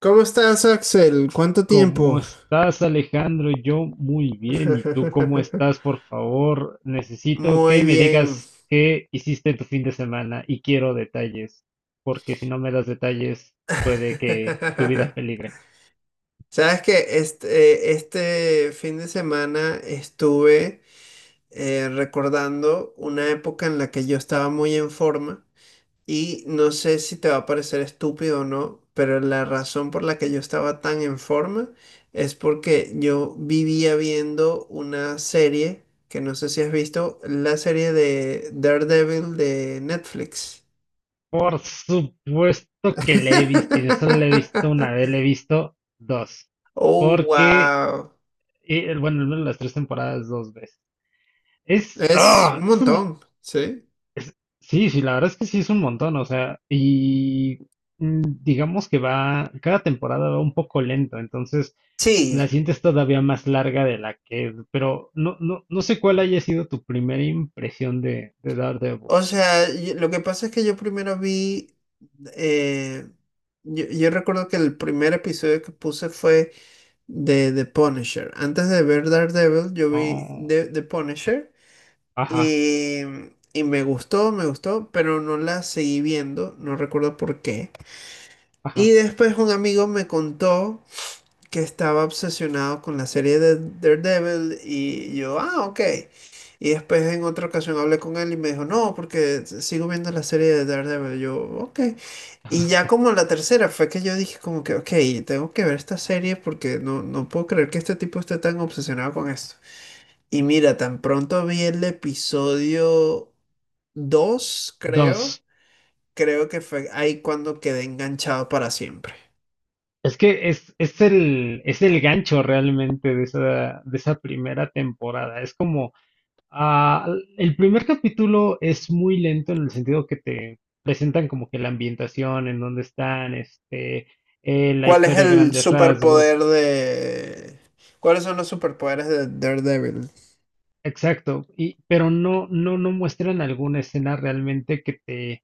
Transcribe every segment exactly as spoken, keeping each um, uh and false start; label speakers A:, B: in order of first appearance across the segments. A: ¿Cómo estás, Axel? ¿Cuánto
B: ¿Cómo
A: tiempo?
B: estás, Alejandro? Yo muy bien. ¿Y tú cómo estás? Por favor, necesito que
A: Muy
B: me
A: bien.
B: digas qué hiciste en tu fin de semana y quiero detalles, porque si no me das detalles, puede que tu vida peligre.
A: Sabes que este, eh, este fin de semana estuve eh, recordando una época en la que yo estaba muy en forma. Y no sé si te va a parecer estúpido o no, pero la razón por la que yo estaba tan en forma es porque yo vivía viendo una serie que no sé si has visto, la serie de Daredevil de Netflix.
B: Por supuesto que le he visto, y no solo le he visto una vez, le he visto dos,
A: Oh,
B: porque,
A: wow.
B: eh, bueno, al menos las tres temporadas dos veces. Es,
A: Es un
B: ¡ah!, es un.
A: montón, ¿sí?
B: Es- sí, sí, la verdad es que sí es un montón, o sea, y mm, digamos que va, cada temporada va un poco lento, entonces la
A: Sí.
B: sientes todavía más larga de la que, es, pero no, no, no sé cuál haya sido tu primera impresión de, de Daredevil.
A: O sea, y- lo que pasa es que yo primero vi, eh, yo, yo recuerdo que el primer episodio que puse fue de The Punisher. Antes de ver Daredevil, yo vi
B: Oh,
A: The, The Punisher y, y me gustó, me gustó, pero no la seguí viendo, no recuerdo por qué. Y
B: ajá,
A: después un amigo me contó que estaba obsesionado con la serie de Daredevil y yo, ah, ok. Y después en otra ocasión hablé con él y me dijo, no, porque sigo viendo la serie de Daredevil. Yo, ok. Y ya
B: ajá.
A: como la tercera fue que yo dije como que, ok, tengo que ver esta serie porque no, no puedo creer que este tipo esté tan obsesionado con esto. Y mira, tan pronto vi el episodio dos,
B: Dos.
A: creo, creo, que fue ahí cuando quedé enganchado para siempre.
B: Es que es, es el, es el gancho realmente de esa, de esa primera temporada. Es como. Ah, el primer capítulo es muy lento en el sentido que te presentan como que la ambientación, en dónde están, este, eh, la
A: ¿Cuál es
B: historia a
A: el
B: grandes
A: superpoder
B: rasgos,
A: de... ¿Cuáles son los superpoderes de Daredevil?
B: exacto, y, pero no, no, no muestran alguna escena realmente que te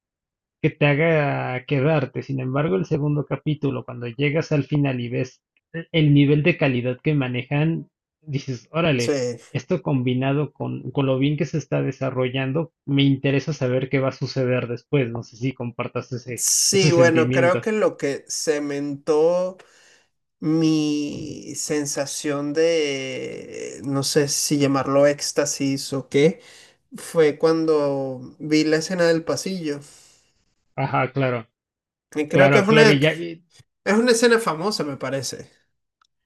B: que te haga quedarte. Sin embargo, el segundo capítulo, cuando llegas al final y ves el el nivel de calidad que manejan, dices, órale,
A: Sí.
B: esto combinado con, con lo bien que se está desarrollando, me interesa saber qué va a suceder después. No sé si compartas ese, ese
A: Sí, bueno, creo
B: sentimiento.
A: que lo que cementó mi sensación de, no sé si llamarlo éxtasis o qué, fue cuando vi la escena del pasillo.
B: Ajá, claro,
A: Y creo que
B: claro,
A: es una,
B: claro. Y ya,
A: es una escena famosa, me parece.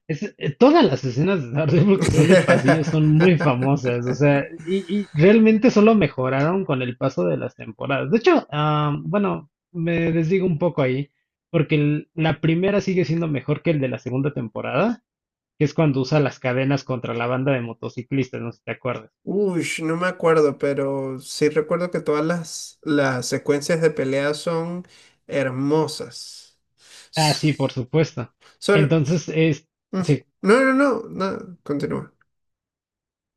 B: es, eh, todas las escenas de Daredevil que son de pasillo son muy famosas, o sea, y, y realmente solo mejoraron con el paso de las temporadas. De hecho, ah, bueno, me desdigo un poco ahí, porque el- la primera sigue siendo mejor que el de la segunda temporada, que es cuando usa las cadenas contra la banda de motociclistas, no sé si te acuerdas.
A: Uy, no me acuerdo, pero sí recuerdo que todas las, las secuencias de pelea son hermosas.
B: Ah, sí, por
A: S-
B: supuesto.
A: Son...
B: Entonces, es,
A: mm,
B: sí,
A: no, no, no, no, continúa.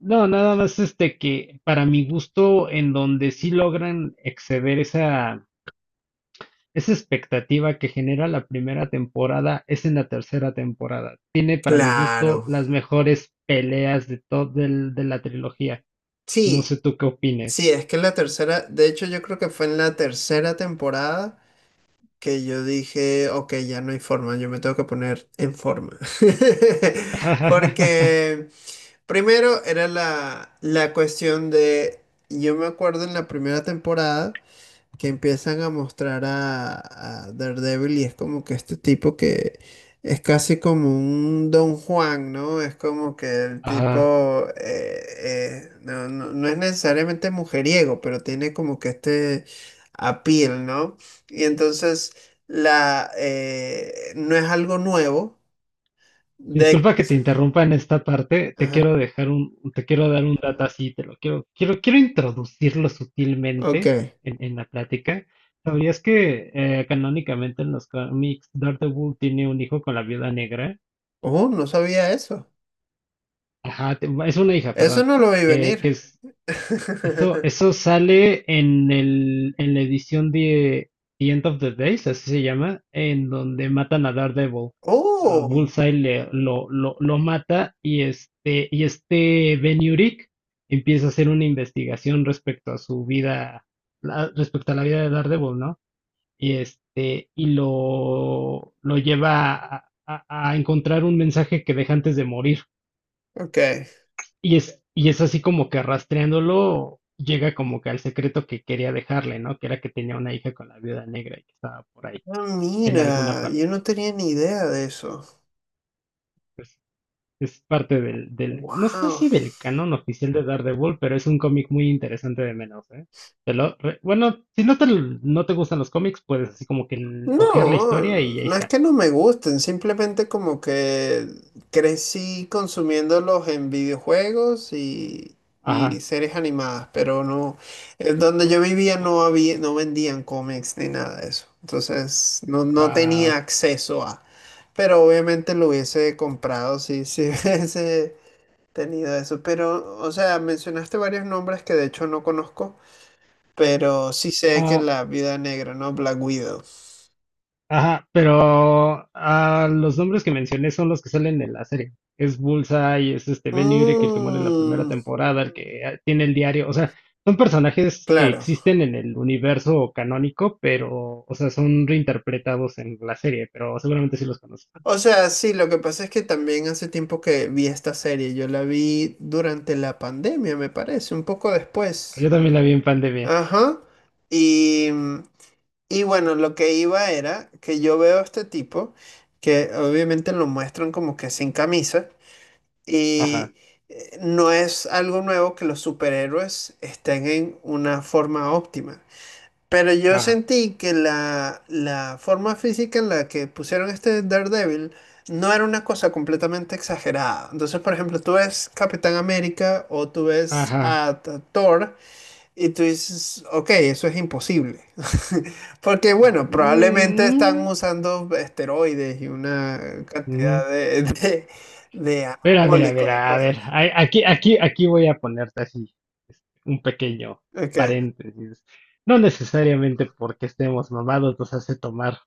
B: no, nada más este que para mi gusto, en donde sí logran exceder esa esa expectativa que genera la primera temporada es en la tercera temporada. Tiene para mi gusto
A: Claro.
B: las mejores peleas de todo de la trilogía. No
A: Sí,
B: sé tú qué
A: sí,
B: opines.
A: es que en la tercera, de hecho yo creo que fue en la tercera temporada que yo dije, ok, ya no hay forma, yo me tengo que poner en forma. Porque primero era la, la cuestión de, yo me acuerdo en la primera temporada, que empiezan a mostrar a, a Daredevil y es como que este tipo que es casi como un Don Juan, ¿no? Es como que el
B: Ah,
A: tipo eh, eh, no, no- no es necesariamente mujeriego, pero tiene como que este appeal, ¿no? Y entonces la eh, no es algo nuevo
B: disculpa
A: de...
B: que te interrumpa en esta parte. Te
A: Ajá,
B: quiero dejar un, te quiero dar un dato así, te lo quiero, quiero, quiero introducirlo
A: ok.
B: sutilmente en, en la plática. ¿Sabías que eh, canónicamente en los cómics Daredevil tiene un hijo con la viuda negra?
A: Oh, no sabía eso.
B: Ajá, te- es una hija,
A: Eso
B: perdón.
A: no lo vi
B: eh,
A: venir.
B: que eso, eso sale en el, en la edición de The End of the Days, así se llama, en donde matan a Daredevil. A
A: Oh,
B: Bullseye le- lo, lo, lo mata y este, y este Ben Urich empieza a hacer una investigación respecto a su vida, la- respecto a la vida de Daredevil, ¿no? Y este, y lo, lo lleva a, a- a encontrar un mensaje que deja antes de morir.
A: ok.
B: Y es, y es así como que rastreándolo llega como que al secreto que quería dejarle, ¿no? Que era que tenía una hija con la viuda negra y que estaba por ahí,
A: Ah,
B: en alguna
A: mira,
B: parte.
A: yo no tenía ni idea de eso.
B: Es parte del, del, no sé
A: Wow.
B: si del canon oficial de Daredevil, pero es un cómic muy interesante de menos, ¿eh? Te lo re- bueno, si no te, l- no te gustan los cómics, puedes así como que l- ojear la
A: No,
B: historia y ahí
A: no es
B: está.
A: que no me gusten, simplemente como que crecí consumiéndolos en videojuegos y, y
B: Ajá.
A: series animadas, pero no, en donde yo vivía no había, no vendían cómics ni nada de eso. Entonces no, no tenía acceso a. Pero obviamente lo hubiese comprado si, si hubiese tenido eso. Pero, o sea, mencionaste varios nombres que de hecho no conozco. Pero sí sé que
B: Wow.
A: la vida Negra, ¿no? Black Widow.
B: Ajá, pero ah, los nombres que mencioné son los que salen en la serie. Es Bullseye, es este Ben Urich, el que muere en la primera
A: Mm,
B: temporada, el que ah, tiene el diario. O sea, son personajes que
A: claro.
B: existen en el universo canónico, pero, o sea, son reinterpretados en la serie, pero seguramente sí los conoces.
A: O sea, sí, lo que pasa es que también hace tiempo que vi esta serie. Yo la vi durante la pandemia, me parece, un poco
B: Ah, yo
A: después.
B: también la vi en pandemia.
A: Ajá. Y, y bueno, lo que iba era que yo veo a este tipo, que obviamente lo muestran como que sin camisa,
B: Ajá,
A: y eh, no es algo nuevo que los superhéroes estén en una forma óptima. Pero yo
B: ajá,
A: sentí que la, la forma física en la que pusieron este Daredevil no era una cosa completamente exagerada. Entonces, por ejemplo, tú ves Capitán América o tú ves
B: ajá.
A: a T- Thor y tú dices, ok, eso es imposible. Porque, bueno, probablemente están
B: Mm,
A: usando esteroides y una
B: ujú.
A: cantidad de, de, de
B: Mira, mira,
A: anabólicos y
B: mira, a
A: cosas.
B: ver, ay, aquí, aquí, aquí voy a ponerte así este, un pequeño
A: Ok.
B: paréntesis. No necesariamente porque estemos mamados nos hace tomar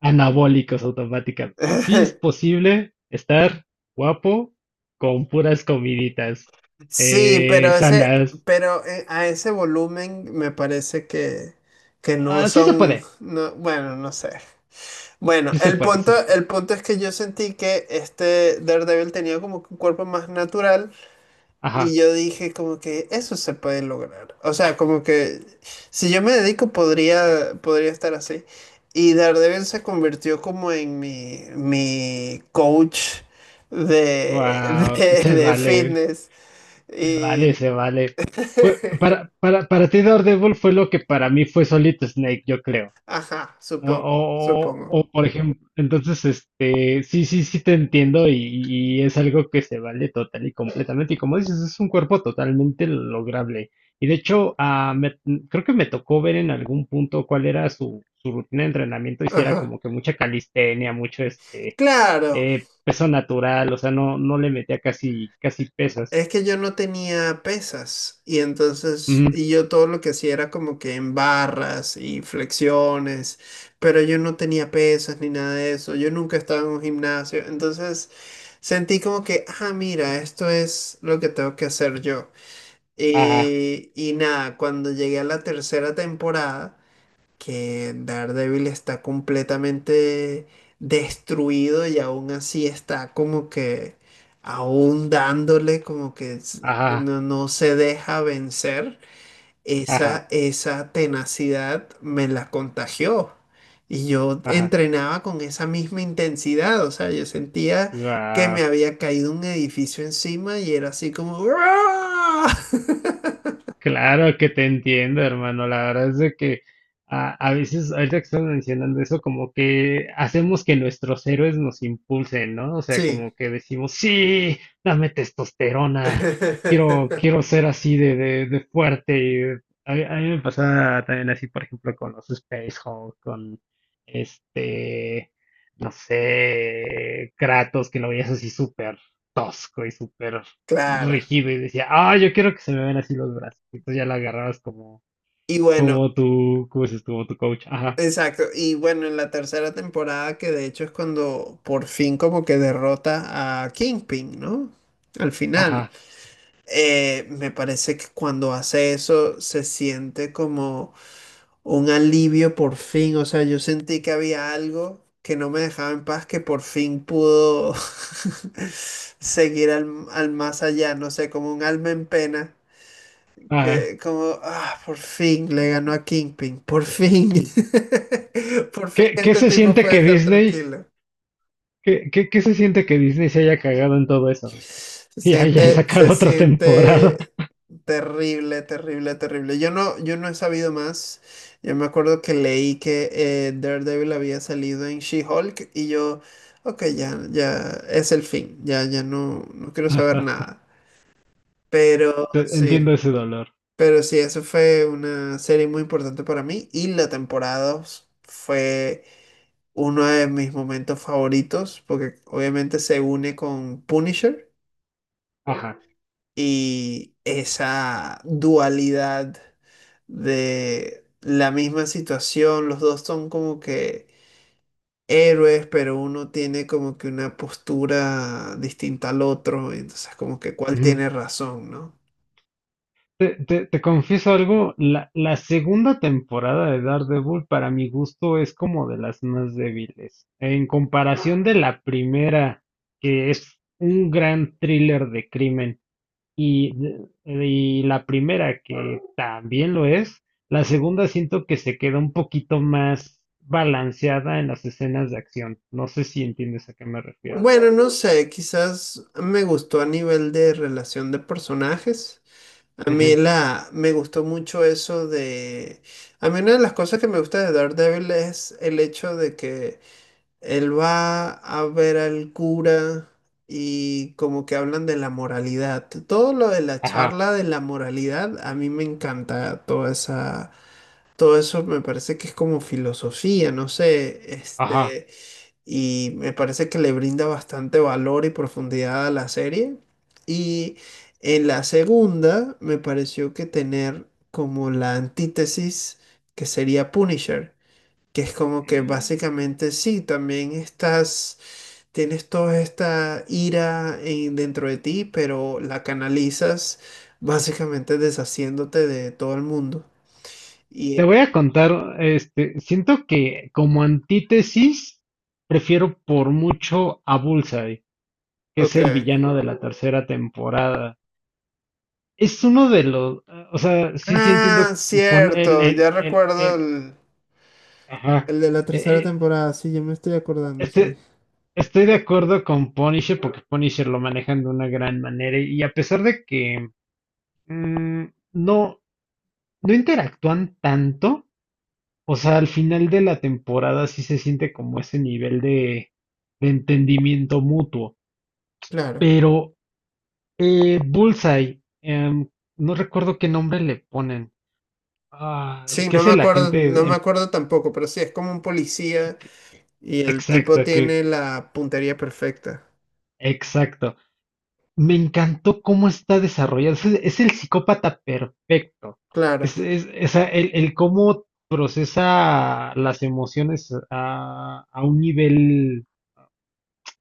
B: anabólicos automáticamente. Sí es posible estar guapo con puras comiditas
A: Sí,
B: eh,
A: pero ese,
B: sanas.
A: pero eh, a ese volumen me parece que, que no
B: Ah, sí se
A: son,
B: puede,
A: no- bueno, no sé. Bueno,
B: sí se
A: el
B: puede, sí
A: punto,
B: se puede.
A: el punto es que yo sentí que este Daredevil tenía como que un cuerpo más natural
B: Ajá,
A: y yo dije como que eso se puede lograr. O sea, como que si yo me dedico podría, podría estar así. Y Daredevil se convirtió como en mi, mi coach de,
B: wow,
A: de
B: se
A: de
B: vale,
A: fitness.
B: se vale,
A: Y,
B: se vale. Fue- para, para, para ti Daredevil fue lo que para mí fue Solid Snake, yo creo.
A: ajá,
B: Ah,
A: supongo,
B: O, o-
A: supongo.
B: o, por ejemplo, entonces, este, sí, sí, sí te entiendo y, y es algo que se vale total y completamente. Y como dices, es un cuerpo totalmente lograble. Y de hecho, ah, me- creo que me tocó ver en algún punto cuál era su, su rutina de entrenamiento y si era
A: Ajá.
B: como que mucha calistenia, mucho este,
A: Claro,
B: eh, peso natural, o sea, no, no le metía casi, casi pesas.
A: es que yo no tenía pesas y entonces,
B: Ujú.
A: y yo todo lo que hacía era como que en barras y flexiones, pero yo no tenía pesas ni nada de eso, yo nunca estaba en un gimnasio, entonces sentí como que, ah, mira, esto es lo que tengo que hacer yo.
B: Ajá,
A: Y, y nada, cuando llegué a la tercera temporada, que Daredevil está completamente destruido y aún así está como que aún dándole como que s-
B: ajá,
A: no, no se deja vencer.
B: ajá,
A: Esa, esa tenacidad me la contagió y yo
B: ajá.
A: entrenaba con esa misma intensidad, o sea, yo sentía que me
B: Guau.
A: había caído un edificio encima y era así como... "¡Ah!".
B: Claro que te entiendo, hermano. La verdad es de que a, a veces, ahorita que estás mencionando eso, como que hacemos que nuestros héroes nos impulsen, ¿no? O sea, como
A: Sí.
B: que decimos, sí, dame testosterona, quiero, quiero ser así de, de, de fuerte. y de- A, mí a mí me pasa también así, por ejemplo, con los Space Hulk, con este, no sé, Kratos, que lo veías así súper tosco y súper
A: Claro.
B: rigido y decía, ah, yo quiero que se me vean así los brazos. Entonces ya la agarrabas como,
A: Y bueno,
B: como tu, como dices, como tu coach. Ajá,
A: exacto, y bueno, en la tercera temporada, que de hecho es cuando por fin como que derrota a Kingpin, ¿no? Al final,
B: ajá,
A: eh, me parece que cuando hace eso se siente como un alivio por fin, o sea, yo sentí que había algo que no me dejaba en paz, que por fin pudo seguir al, al más allá, no sé, como un alma en pena
B: ajá.
A: que como, ah, por fin le ganó a Kingpin, por fin. Por fin
B: ¿Qué, qué
A: este
B: se
A: tipo
B: siente
A: puede
B: que
A: estar
B: Disney,
A: tranquilo.
B: qué, qué, qué se siente que Disney se haya cagado en todo eso?
A: Se
B: Y haya
A: siente, se
B: sacado otra temporada.
A: siente terrible, terrible, terrible. Yo no, yo no he sabido más. Yo me acuerdo que leí que eh, Daredevil había salido en She-Hulk y yo, ok, ya, ya es el fin, ya, ya no, no quiero saber
B: Ajá.
A: nada. Pero
B: Te- Entiendo
A: sí.
B: ese dolor.
A: Pero sí, eso fue una serie muy importante para mí y la temporada dos fue uno de mis momentos favoritos porque obviamente se une con Punisher
B: Ajá.
A: y esa dualidad de la misma situación, los dos son como que héroes, pero uno tiene como que una postura distinta al otro, y entonces como que cuál
B: Ujú.
A: tiene razón, ¿no?
B: Te, te- te confieso algo, la, la segunda temporada de Daredevil para mi gusto es como de las más débiles. En comparación de la primera, que es un gran thriller de crimen, y, de- y la primera que también lo es, la segunda siento que se queda un poquito más balanceada en las escenas de acción. No sé si entiendes a qué me refiero.
A: Bueno, no sé, quizás me gustó a nivel de relación de personajes. A mí
B: Ujú.
A: la, me gustó mucho eso de... A mí una de las cosas que me gusta de Daredevil es el hecho de que él va a ver al cura y como que hablan de la moralidad. Todo lo de la
B: Ajá,
A: charla de la moralidad, a mí me encanta toda esa... Todo eso me parece que es como filosofía, no sé,
B: ajá.
A: este, y me parece que le brinda bastante valor y profundidad a la serie. Y en la segunda me pareció que tener como la antítesis que sería Punisher, que es como que básicamente sí, también estás, tienes toda esta ira en- dentro de ti, pero la canalizas básicamente deshaciéndote de todo el mundo.
B: Te
A: Y,
B: voy a contar, este, siento que como antítesis prefiero por mucho a Bullseye, que es
A: ok.
B: el villano de la tercera temporada. Es uno de los, o sea, sí, sí
A: Ah,
B: entiendo, pon- el,
A: cierto,
B: el,
A: ya
B: el,
A: recuerdo
B: el,
A: el,
B: ajá,
A: El de la
B: eh,
A: tercera
B: eh,
A: temporada, sí, yo me estoy acordando, sí.
B: este, estoy de acuerdo con Punisher porque Punisher lo manejan de una gran manera y a pesar de que mm, no, no interactúan tanto. O sea, al final de la temporada sí se siente como ese nivel de, de entendimiento mutuo.
A: Claro.
B: Pero eh, Bullseye, em, no recuerdo qué nombre le ponen. Ah,
A: Sí,
B: ¿qué
A: no
B: es
A: me
B: el
A: acuerdo, no
B: agente?
A: me
B: em,
A: acuerdo tampoco, pero sí, es como un policía y el tipo
B: Exacto, que,
A: tiene la puntería perfecta.
B: exacto. Me encantó cómo está desarrollado. Es, es el psicópata perfecto. Es,
A: Claro.
B: es, es a- el, el cómo procesa las emociones a, a un nivel,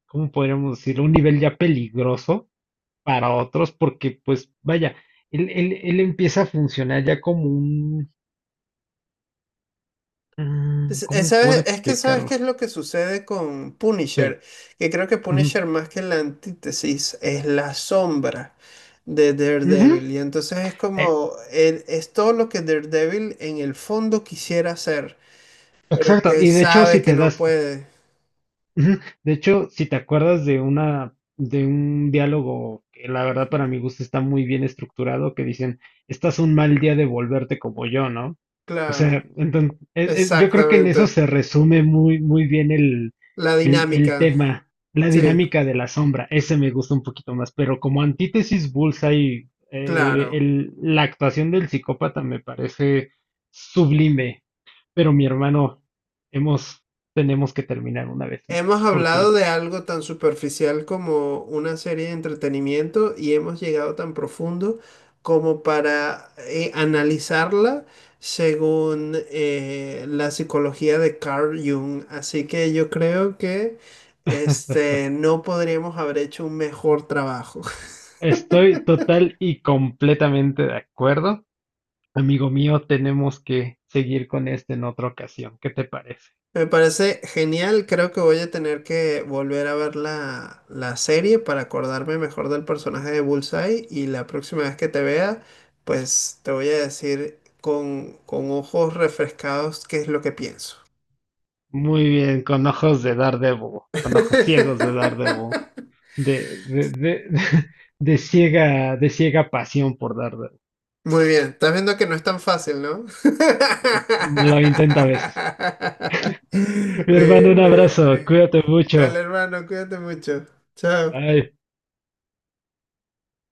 B: ¿cómo podríamos decirlo? Un nivel ya peligroso para otros, porque pues vaya, él, él, él empieza a funcionar ya como un... mm,
A: Es, es-
B: ¿cómo puedo
A: ¿sabes? Es que sabes qué
B: explicarlo?
A: es lo que sucede con
B: Sí.
A: Punisher, que creo que
B: ujú,
A: Punisher más que la antítesis es la sombra de
B: ujú,
A: Daredevil. Y entonces es
B: eh,
A: como, el- es todo lo que Daredevil en el fondo quisiera hacer, pero
B: exacto,
A: que
B: y de hecho si
A: sabe que
B: te
A: no
B: das,
A: puede.
B: ujú. De hecho, si te acuerdas de una, de un diálogo que la verdad
A: Ujú.
B: para mi gusto está muy bien estructurado, que dicen, estás un mal día de volverte como yo, ¿no? O
A: Claro.
B: sea, entonces, yo creo que en eso
A: Exactamente.
B: se resume muy, muy bien el,
A: La
B: el, el
A: dinámica.
B: tema, la
A: Sí,
B: dinámica de la sombra, ese me gusta un poquito más, pero como antítesis Bullseye, eh,
A: claro.
B: el- la actuación del psicópata me parece sublime. Pero mi hermano, hemos, tenemos que terminar una vez
A: Hemos
B: más,
A: hablado
B: porque
A: de algo tan superficial como una serie de entretenimiento y hemos llegado tan profundo como para eh, analizarla según eh, la psicología de Carl Jung. Así que yo creo que este, no podríamos haber hecho un mejor trabajo.
B: estoy total y completamente de acuerdo. Amigo mío, tenemos que seguir con este en otra ocasión. ¿Qué te parece?
A: Me parece genial, creo que voy a tener que volver a ver la, la serie para acordarme mejor del personaje de Bullseye y la próxima vez que te vea, pues te voy a decir con, con, ojos refrescados qué es lo que pienso.
B: Muy bien, con ojos de Daredevil, con ojos ciegos de Daredevil, de, de, de, de ciega, de ciega pasión por Daredevil.
A: Muy bien, estás viendo que no es tan fácil, ¿no?
B: Lo intento a veces.
A: Muy
B: Mi hermano, un
A: bien, muy bien,
B: abrazo,
A: muy bien.
B: cuídate mucho.
A: Dale, hermano, cuídate mucho. Chao.
B: Bye.